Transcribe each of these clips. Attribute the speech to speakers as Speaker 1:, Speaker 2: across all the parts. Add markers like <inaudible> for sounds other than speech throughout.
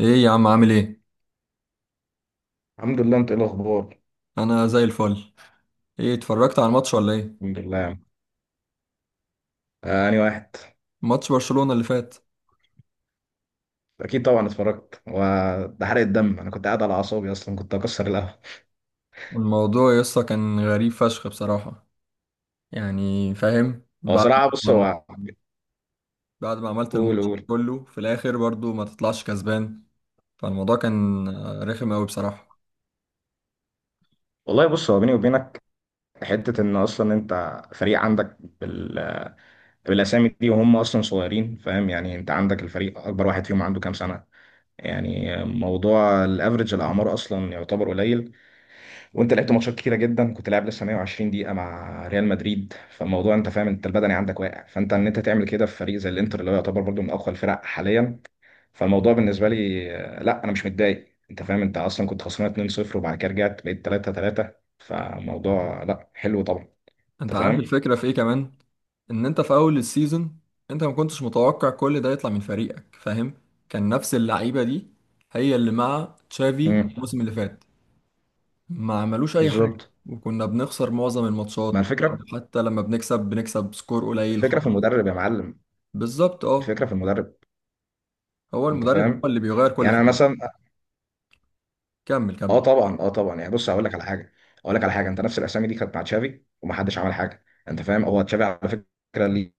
Speaker 1: ايه يا عم، عامل ايه؟
Speaker 2: الحمد لله، انت ايه الاخبار؟
Speaker 1: انا زي الفل. ايه اتفرجت على الماتش ولا ايه؟
Speaker 2: الحمد لله يا عم. انهي واحد؟
Speaker 1: ماتش برشلونة اللي فات.
Speaker 2: اكيد طبعا اتفرجت، وده حرق الدم. انا كنت قاعد على اعصابي اصلا، كنت اكسر القهوه.
Speaker 1: الموضوع يسطا كان غريب فشخ بصراحة، يعني فاهم.
Speaker 2: هو صراحه بص
Speaker 1: ما
Speaker 2: هو،
Speaker 1: بعد ما عملت
Speaker 2: قول
Speaker 1: الماتش ده
Speaker 2: قول.
Speaker 1: كله في الاخر برضو ما تطلعش كسبان، فالموضوع كان رخم قوي بصراحة.
Speaker 2: والله بص، هو بيني وبينك حته ان اصلا انت فريق عندك بال... بالاسامي دي وهم اصلا صغيرين، فاهم يعني؟ انت عندك الفريق اكبر واحد فيهم عنده كام سنه؟ يعني موضوع الافرج الاعمار اصلا يعتبر قليل. وانت لعبت ماتشات كتيره جدا، كنت لاعب لسه 120 دقيقه مع ريال مدريد، فالموضوع انت فاهم، انت البدني عندك واقع. فانت ان انت تعمل كده في فريق زي الانتر اللي هو يعتبر برضه من اقوى الفرق حاليا، فالموضوع بالنسبه لي، لا انا مش متضايق. انت فاهم؟ انت اصلا كنت خسران 2-0، وبعد كده رجعت بقيت 3-3، فالموضوع لا، حلو طبعا. انت
Speaker 1: انت عارف
Speaker 2: فاهم؟
Speaker 1: الفكرة في ايه كمان؟ ان انت في اول السيزون انت ما كنتش متوقع كل ده يطلع من فريقك، فاهم؟ كان نفس اللعيبة دي هي اللي مع تشافي
Speaker 2: امم.
Speaker 1: الموسم اللي فات، ما عملوش اي حاجه،
Speaker 2: بالظبط.
Speaker 1: وكنا بنخسر معظم
Speaker 2: ما
Speaker 1: الماتشات، او
Speaker 2: الفكره،
Speaker 1: حتى لما بنكسب بنكسب سكور قليل
Speaker 2: الفكره
Speaker 1: خالص.
Speaker 2: في المدرب يا معلم.
Speaker 1: بالظبط اه.
Speaker 2: الفكره في المدرب.
Speaker 1: هو
Speaker 2: انت
Speaker 1: المدرب هو
Speaker 2: فاهم؟
Speaker 1: اللي بيغير كل
Speaker 2: يعني انا
Speaker 1: حاجه.
Speaker 2: مثلا،
Speaker 1: كمل
Speaker 2: اه
Speaker 1: كمل.
Speaker 2: طبعا اه طبعا. يعني بص، هقول لك على حاجه. انت نفس الاسامي دي كانت مع تشافي ومحدش عمل حاجه. انت فاهم؟ هو تشافي على فكره ليه؟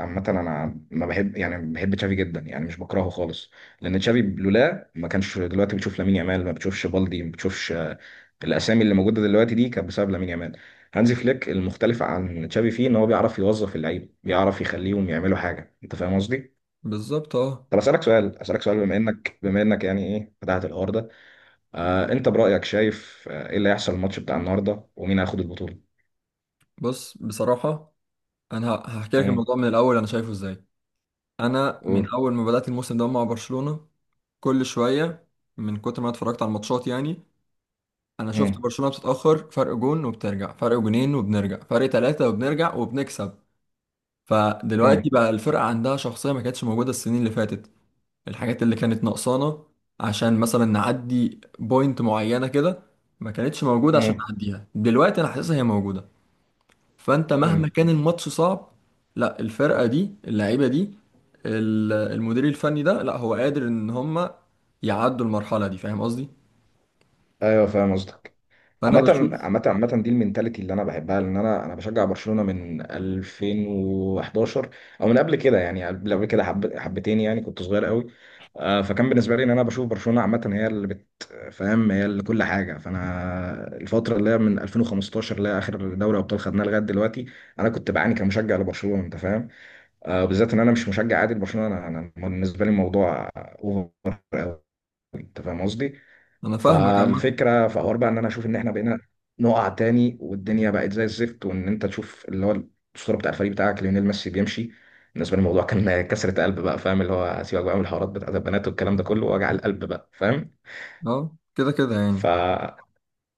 Speaker 2: عامه انا ما بحب، يعني بحب تشافي جدا يعني، مش بكرهه خالص. لان تشافي لولا ما كانش، دلوقتي بتشوف لامين يامال؟ ما بتشوفش بالدي؟ ما بتشوفش. الاسامي اللي موجوده دلوقتي دي كانت بسبب لامين يامال. هانزي فليك المختلف عن تشافي فيه ان هو بيعرف يوظف اللعيبه، بيعرف يخليهم يعملوا حاجه. انت فاهم قصدي؟
Speaker 1: بالظبط اه.
Speaker 2: طب اسالك سؤال، بما انك يعني ايه فتحت الحوار ده؟ انت برأيك شايف ايه اللي هيحصل الماتش بتاع النهارده ومين هياخد البطولة؟
Speaker 1: بص بصراحه، انا هحكي لك
Speaker 2: امم.
Speaker 1: الموضوع من الاول انا شايفه ازاي. انا من
Speaker 2: قول.
Speaker 1: اول ما بدات الموسم ده مع برشلونه، كل شويه من كتر ما أنا اتفرجت على الماتشات يعني، انا شفت
Speaker 2: امم.
Speaker 1: برشلونه بتتاخر فرق جون وبترجع، فرق جونين وبنرجع، فرق ثلاثه وبنرجع وبنكسب.
Speaker 2: امم.
Speaker 1: فدلوقتي بقى الفرقه عندها شخصيه ما كانتش موجوده السنين اللي فاتت. الحاجات اللي كانت ناقصانا عشان مثلا نعدي بوينت معينة كده ما كانتش موجودة، عشان
Speaker 2: امم.
Speaker 1: نعديها دلوقتي انا حاسسها هي موجودة. فانت مهما
Speaker 2: امم.
Speaker 1: كان الماتش صعب، لا، الفرقة دي اللعيبة دي المدير الفني ده، لا هو قادر ان هم يعدوا المرحلة دي، فاهم قصدي؟
Speaker 2: ايوه فاهم قصدك.
Speaker 1: فانا
Speaker 2: عامة
Speaker 1: بشوف.
Speaker 2: عامة، دي المينتاليتي اللي انا بحبها، لان انا بشجع برشلونة من 2011، او من قبل كده يعني، قبل كده حب حبتين يعني كنت صغير قوي. فكان بالنسبة لي ان انا بشوف برشلونة عامة هي اللي بت، فاهم؟ هي اللي كل حاجة. فانا الفترة اللي هي من 2015 اللي هي اخر دوري ابطال خدناه لغاية دلوقتي، انا كنت بعاني كمشجع لبرشلونة. انت فاهم؟ بالذات ان انا مش مشجع عادي لبرشلونه، انا بالنسبه لي الموضوع اوفر قوي. انت فاهم قصدي؟
Speaker 1: انا فاهمك عامة.
Speaker 2: فالفكره في حوار بقى ان انا اشوف ان احنا بقينا نقع تاني، والدنيا بقت زي الزفت، وان انت تشوف اللي هو الصوره بتاع الفريق بتاعك ليونيل ميسي بيمشي. بالنسبه لي الموضوع <laughs> كان كسرة قلب بقى. فاهم اللي هو؟ سيبك بقى من الحوارات بتاعت البنات والكلام ده كله، وجع القلب بقى. فاهم؟
Speaker 1: اه كده كده
Speaker 2: ف
Speaker 1: يعني.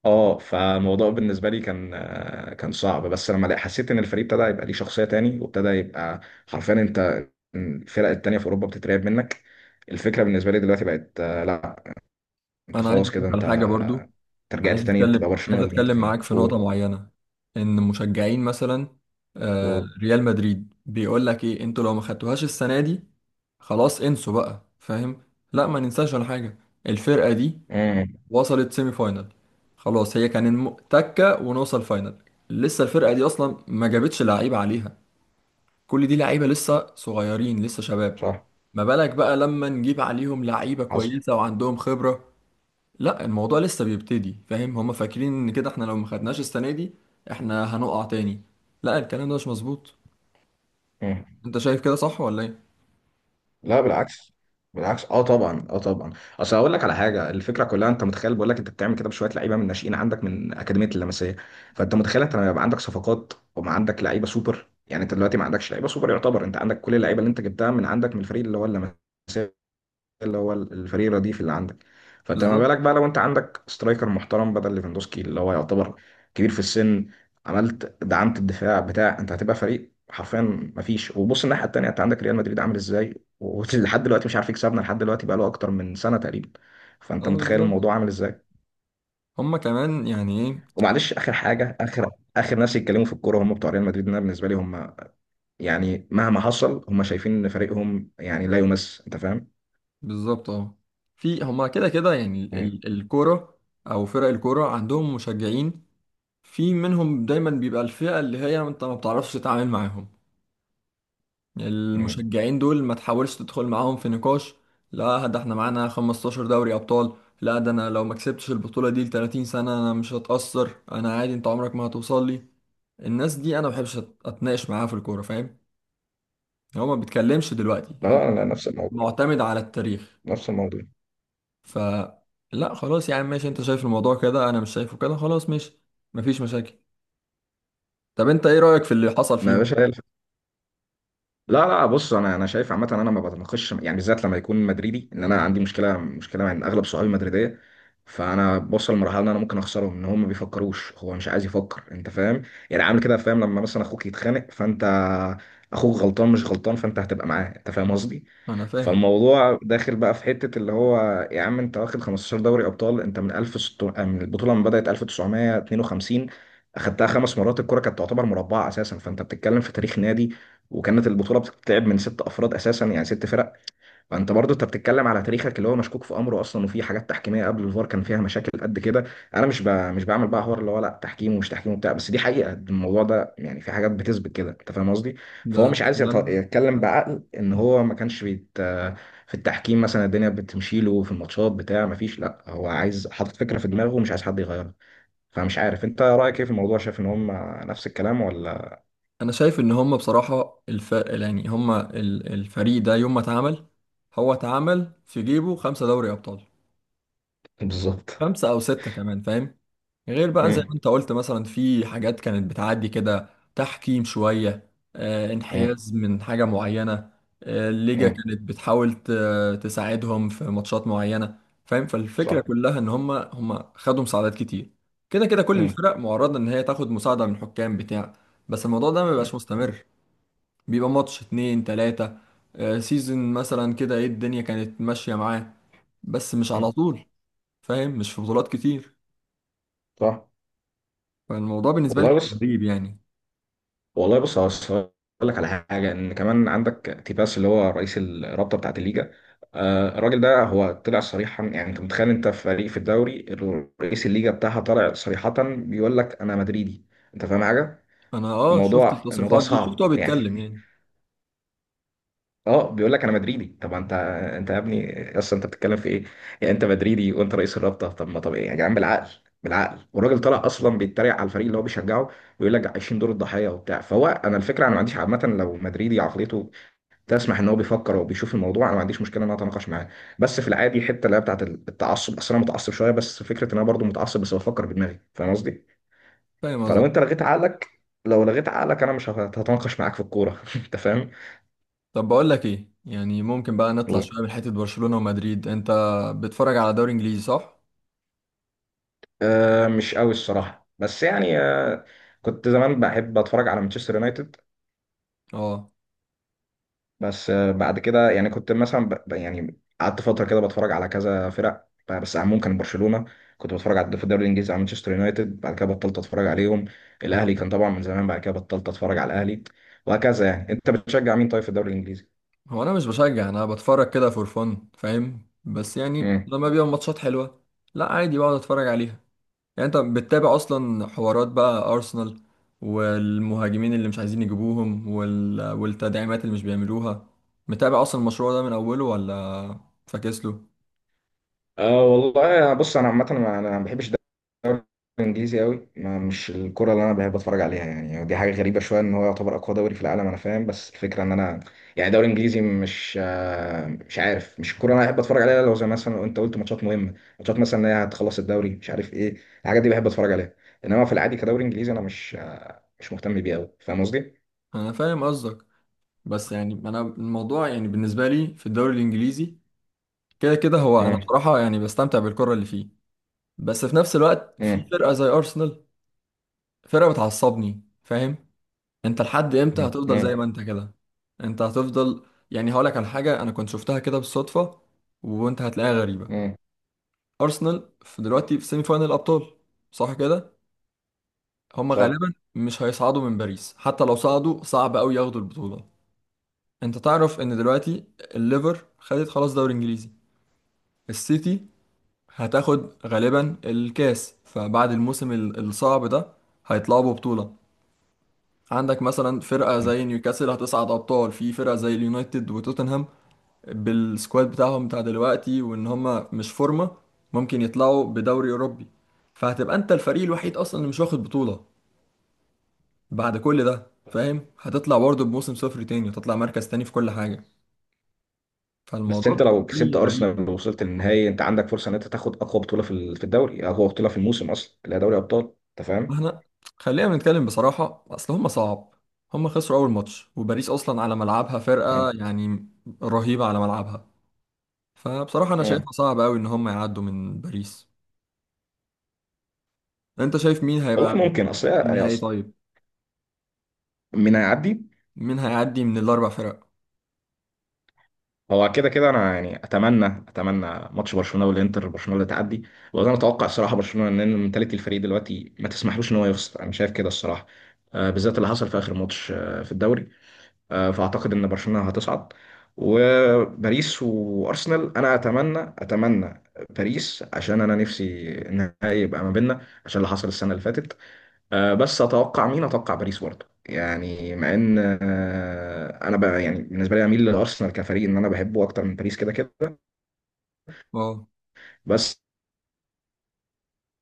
Speaker 2: اه، فالموضوع بالنسبه لي كان صعب، بس لما حسيت ان الفريق ابتدى يبقى ليه شخصيه تاني، وابتدى يبقى حرفيا، انت، الفرق التانيه في اوروبا بتترعب منك. الفكره بالنسبه لي دلوقتي بقت، لا، انت
Speaker 1: انا عايز
Speaker 2: خلاص
Speaker 1: اقول لك
Speaker 2: كده،
Speaker 1: على
Speaker 2: انت
Speaker 1: حاجة برضو،
Speaker 2: انت رجعت
Speaker 1: عايز
Speaker 2: تاني تبقى
Speaker 1: اتكلم،
Speaker 2: برشلونه
Speaker 1: عايز
Speaker 2: اللي انت
Speaker 1: اتكلم
Speaker 2: فيه.
Speaker 1: معاك في نقطة
Speaker 2: قول
Speaker 1: معينة. ان مشجعين مثلا
Speaker 2: قول.
Speaker 1: ريال مدريد بيقول لك ايه؟ انتوا لو ما خدتوهاش السنة دي خلاص انسوا بقى، فاهم؟ لا ما ننساش ولا حاجة. الفرقة دي
Speaker 2: امم.
Speaker 1: وصلت سيمي فاينال، خلاص هي كان تكة ونوصل فاينال. لسه الفرقة دي اصلا ما جابتش لعيبة عليها، كل دي لعيبة لسه صغيرين لسه شباب.
Speaker 2: صح.
Speaker 1: ما بالك بقى لما نجيب عليهم لعيبة
Speaker 2: حصل.
Speaker 1: كويسة وعندهم خبرة؟ لا الموضوع لسه بيبتدي، فاهم؟ هما فاكرين ان كده احنا لو ما خدناش السنه دي احنا هنقع تاني، لا الكلام ده مش مظبوط. انت شايف كده صح ولا ايه؟
Speaker 2: لا بالعكس. بالعكس، اه طبعا اه طبعا. اصل هقول لك على حاجه، الفكره كلها، انت متخيل؟ بقول لك، انت بتعمل كده بشويه لعيبه من ناشئين عندك من اكاديميه اللمسيه. فانت متخيل انت لما يبقى عندك صفقات وما عندك لعيبه سوبر؟ يعني انت دلوقتي ما عندكش لعيبه سوبر، يعتبر انت عندك كل اللعيبه اللي انت جبتها من عندك من الفريق اللي هو اللمسيه، اللي هو الفريق الرديف اللي عندك. فانت ما
Speaker 1: بالظبط
Speaker 2: بالك بقى لو انت عندك سترايكر محترم بدل ليفاندوسكي اللي هو يعتبر كبير في السن، عملت دعمت الدفاع بتاع؟ انت هتبقى فريق حرفيا ما فيش. وبص الناحيه التانيه، انت عندك ريال مدريد عامل ازاي، ولحد دلوقتي مش عارف يكسبنا، لحد دلوقتي بقى له اكتر من سنه تقريبا.
Speaker 1: اه.
Speaker 2: فانت متخيل
Speaker 1: بالظبط،
Speaker 2: الموضوع عامل ازاي؟
Speaker 1: هما كمان يعني ايه.
Speaker 2: ومعلش، اخر حاجه، اخر ناس يتكلموا في الكوره هم بتوع ريال مدريد. انا بالنسبه لي هم يعني مهما حصل هم شايفين ان فريقهم يعني لا يمس. انت فاهم؟
Speaker 1: بالظبط اه. في هما كده كده يعني
Speaker 2: مم.
Speaker 1: الكوره او فرق الكوره عندهم مشجعين، في منهم دايما بيبقى الفئه اللي هي انت ما بتعرفش تتعامل معاهم.
Speaker 2: مم.
Speaker 1: المشجعين دول ما تحاولش تدخل معاهم في نقاش. لا ده احنا معانا 15 دوري ابطال، لا ده انا لو ما كسبتش البطولة دي ل 30 سنة انا مش هتأثر، انا عادي، انت عمرك ما هتوصل لي. الناس دي انا ما بحبش اتناقش معاها في الكورة، فاهم؟ هو ما بيتكلمش دلوقتي،
Speaker 2: لا
Speaker 1: هو
Speaker 2: لا لا، نفس الموضوع.
Speaker 1: معتمد على التاريخ.
Speaker 2: نفس الموضوع.
Speaker 1: ف لا خلاص يا عم ماشي، انت شايف الموضوع كده، انا مش شايفه كده، خلاص ماشي مفيش مشاكل. طب انت ايه رأيك في اللي حصل
Speaker 2: ما يا
Speaker 1: فيهم؟
Speaker 2: باشا، هي لا لا، بص انا شايف، عامه انا ما بتناقش يعني، بالذات لما يكون مدريدي، ان انا عندي مشكله مع ان اغلب صحابي مدريديه. فانا بوصل لمرحله ان انا ممكن اخسرهم ان هم ما بيفكروش. هو مش عايز يفكر. انت فاهم؟ يعني عامل كده. فاهم؟ لما مثلا اخوك يتخانق، فانت اخوك غلطان مش غلطان، فانت هتبقى معاه. انت فاهم قصدي؟
Speaker 1: انا فاهم
Speaker 2: فالموضوع داخل بقى في حته اللي هو، يا عم انت واخد 15 دوري ابطال، انت من 1600 من البطوله، لما بدات 1952 اخدتها 5 مرات. الكره كانت تعتبر مربعه اساسا، فانت بتتكلم في تاريخ نادي، وكانت البطوله بتتلعب من 6 افراد اساسا، يعني 6 فرق. فانت برضو انت بتتكلم على تاريخك اللي هو مشكوك في امره اصلا، وفي حاجات تحكيميه قبل الفار كان فيها مشاكل قد كده. انا مش بعمل بقى حوار اللي هو لا تحكيم ومش تحكيم وبتاع، بس دي حقيقه، الموضوع ده يعني في حاجات بتثبت كده. انت فاهم قصدي؟
Speaker 1: ده.
Speaker 2: فهو مش عايز يتكلم بعقل ان هو ما كانش في التحكيم مثلا الدنيا بتمشي له في الماتشات بتاع، ما فيش. لا هو عايز حاطط فكره في دماغه ومش عايز حد يغيرها. فمش عارف انت رايك ايه في الموضوع، شايف ان هم نفس الكلام ولا؟
Speaker 1: انا شايف ان هم بصراحه الفرق يعني هم الفريق ده يوم ما اتعمل هو اتعمل في جيبه 5 دوري ابطال،
Speaker 2: بالظبط.
Speaker 1: 5 أو 6 كمان، فاهم؟ غير بقى زي
Speaker 2: امم.
Speaker 1: ما انت قلت مثلا في حاجات كانت بتعدي كده، تحكيم شويه، آه انحياز من حاجه معينه، آه الليجا
Speaker 2: امم.
Speaker 1: كانت بتحاول تساعدهم في ماتشات معينه، فاهم؟ فالفكره
Speaker 2: صح.
Speaker 1: كلها ان هم خدوا مساعدات كتير. كده كده كل
Speaker 2: مم.
Speaker 1: الفرق معرضه ان هي تاخد مساعده من حكام بتاع، بس الموضوع ده ما
Speaker 2: مم.
Speaker 1: بيبقاش مستمر، بيبقى ماتش 2 3، سيزن مثلا كده، ايه الدنيا كانت ماشية معاه بس مش على
Speaker 2: مم.
Speaker 1: طول، فاهم؟ مش في بطولات كتير.
Speaker 2: صح.
Speaker 1: فالموضوع بالنسبة لي
Speaker 2: والله
Speaker 1: كان
Speaker 2: بص
Speaker 1: غريب يعني.
Speaker 2: والله بص، هقول لك على حاجه، ان كمان عندك تيباس اللي هو رئيس الرابطه بتاعه الليجا. الراجل ده هو طلع صريحا، يعني انت متخيل انت في فريق في الدوري، رئيس الليجا بتاعها طلع صريحه بيقول لك انا مدريدي؟ انت فاهم حاجه؟
Speaker 1: انا اه شفت
Speaker 2: الموضوع
Speaker 1: التصريحات دي وشفت هو
Speaker 2: صعب يعني.
Speaker 1: بيتكلم
Speaker 2: <laughs>
Speaker 1: يعني.
Speaker 2: اه بيقول لك انا مدريدي. طب انت، انت يا ابني اصلا انت بتتكلم في ايه؟ يعني انت مدريدي وانت رئيس الرابطه! طب ما طب ايه يا جدعان؟ بالعقل، بالعقل. والراجل طلع اصلا بيتريق على الفريق اللي هو بيشجعه، ويقول لك عايشين دور الضحيه وبتاع. فهو، انا الفكره انا ما عنديش، عامه لو مدريدي عقليته تسمح ان هو بيفكر وبيشوف الموضوع، انا ما عنديش مشكله ان انا اتناقش معاه. بس في العادي حته اللي هي بتاعت التعصب، اصل انا متعصب شويه، بس فكره ان انا برضو متعصب بس بفكر بدماغي، فاهم قصدي؟
Speaker 1: فاهم
Speaker 2: فلو
Speaker 1: قصدك.
Speaker 2: انت لغيت عقلك، لو لغيت عقلك، انا مش هتناقش معاك في الكوره. <laughs> انت فاهم؟
Speaker 1: طب بقول لك ايه، يعني ممكن بقى نطلع شوية من حتة برشلونة ومدريد، انت بتتفرج على دوري انجليزي صح؟
Speaker 2: آه مش قوي الصراحة، بس يعني، كنت زمان بحب اتفرج على مانشستر يونايتد،
Speaker 1: اه.
Speaker 2: بس بعد كده يعني كنت مثلا، يعني قعدت فترة كده بتفرج على كذا فرق، بس عموما كان برشلونة، كنت بتفرج على في الدوري الانجليزي على مانشستر يونايتد. بعد كده بطلت اتفرج عليهم. الاهلي كان طبعا من زمان، بعد كده بطلت اتفرج على الاهلي. وهكذا يعني. انت بتشجع مين طيب في الدوري الانجليزي؟
Speaker 1: هو انا مش بشجع، انا بتفرج كده فور فن، فاهم؟ بس يعني لما بيبقى ماتشات حلوة لا عادي بقعد اتفرج عليها. يعني انت بتتابع اصلا حوارات بقى ارسنال والمهاجمين اللي مش عايزين يجيبوهم والتدعيمات اللي مش بيعملوها؟ متابع اصلا المشروع ده من اوله ولا فاكس له؟
Speaker 2: اه والله بص، انا عامه، انا ما بحبش الدوري الانجليزي قوي، ما مش الكره اللي انا بحب اتفرج عليها، يعني دي حاجه غريبه شويه ان هو يعتبر اقوى دوري في العالم، انا فاهم بس الفكره ان انا يعني الدوري الانجليزي مش عارف، مش الكره اللي انا بحب اتفرج عليها. لو زي مثلا لو انت قلت ماتشات مهمه، ماتشات مثلا ان هي هتخلص الدوري، مش عارف ايه، الحاجات دي بحب اتفرج عليها. انما في العادي كدوري انجليزي انا مش مهتم بيه قوي. فاهم قصدي؟
Speaker 1: انا فاهم قصدك، بس يعني انا الموضوع يعني بالنسبه لي في الدوري الانجليزي كده كده، هو انا
Speaker 2: امم.
Speaker 1: بصراحه يعني بستمتع بالكره اللي فيه، بس في نفس الوقت في
Speaker 2: امم.
Speaker 1: فرقه زي ارسنال، فرقه بتعصبني، فاهم؟ انت لحد امتى هتفضل زي
Speaker 2: امم.
Speaker 1: ما انت كده؟ انت هتفضل؟ يعني هقولك على حاجه انا كنت شفتها كده بالصدفه وانت هتلاقيها غريبه.
Speaker 2: امم.
Speaker 1: ارسنال في دلوقتي في سيمي فاينل الابطال، صح كده؟ هما
Speaker 2: صح.
Speaker 1: غالبا مش هيصعدوا من باريس، حتى لو صعدوا صعب قوي ياخدوا البطوله. انت تعرف ان دلوقتي الليفر خدت خلاص دوري انجليزي، السيتي هتاخد غالبا الكاس، فبعد الموسم الصعب ده هيطلعوا ببطوله. عندك مثلا فرقه
Speaker 2: مم.
Speaker 1: زي نيوكاسل هتصعد ابطال، في فرقه زي اليونايتد وتوتنهام بالسكواد بتاعهم بتاع دلوقتي وان هم مش فورمة ممكن يطلعوا بدوري اوروبي، فهتبقى انت الفريق الوحيد اصلا اللي مش واخد بطولة بعد كل ده، فاهم؟ هتطلع برضه بموسم صفر تاني وتطلع مركز تاني في كل حاجة،
Speaker 2: بس
Speaker 1: فالموضوع
Speaker 2: انت
Speaker 1: بالنسبة
Speaker 2: لو كسبت
Speaker 1: لي غريب.
Speaker 2: ارسنال ووصلت للنهائي، انت عندك فرصه ان انت تاخد اقوى بطوله في في الدوري، اقوى بطوله في الموسم اصلا اللي هي دوري ابطال. انت فاهم؟
Speaker 1: احنا خلينا نتكلم بصراحة، اصل هم صعب، هم خسروا اول ماتش وباريس اصلا على ملعبها
Speaker 2: اه
Speaker 1: فرقة يعني رهيبة على ملعبها، فبصراحة انا
Speaker 2: اه
Speaker 1: شايفها صعب قوي ان هم يعدوا من باريس. انت شايف مين هيبقى
Speaker 2: والله ممكن. اصل هي
Speaker 1: النهائي
Speaker 2: اصلا
Speaker 1: طيب؟
Speaker 2: مين هيعدي؟
Speaker 1: مين هيعدي من الاربع فرق؟
Speaker 2: هو كده كده انا يعني اتمنى ماتش برشلونه والانتر، برشلونه اللي تعدي. وانا اتوقع الصراحه برشلونه ان منتاليتي الفريق دلوقتي ما تسمحلوش ان هو يخسر. انا شايف كده الصراحه، بالذات اللي حصل في اخر ماتش في الدوري، فاعتقد ان برشلونه هتصعد. وباريس وارسنال، انا اتمنى باريس عشان انا نفسي النهائي يبقى ما بيننا عشان اللي حصل السنه اللي فاتت. بس اتوقع، مين اتوقع؟ باريس برضه يعني، مع ان انا بقى يعني، بالنسبه لي اميل لارسنال كفريق ان انا بحبه اكتر من باريس كده كده،
Speaker 1: اه
Speaker 2: بس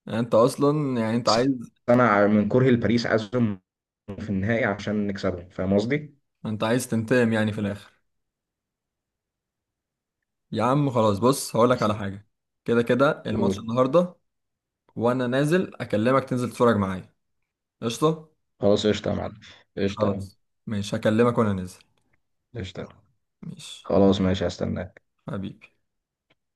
Speaker 1: يعني انت اصلا يعني انت عايز،
Speaker 2: انا من كرهي لباريس عايزهم في النهائي عشان نكسبهم. فاهم قصدي؟
Speaker 1: انت عايز تنتقم يعني في الاخر. يا عم خلاص بص هقولك على
Speaker 2: ماشي.
Speaker 1: حاجه، كده كده الماتش
Speaker 2: قول.
Speaker 1: النهارده وانا نازل اكلمك تنزل تتفرج معايا. قشطه.
Speaker 2: خلاص قشطه يا معلم. قشطه يا عم،
Speaker 1: خلاص ماشي، هكلمك وانا نازل.
Speaker 2: قشطه.
Speaker 1: ماشي
Speaker 2: خلاص ماشي، هستنى.
Speaker 1: حبيبي.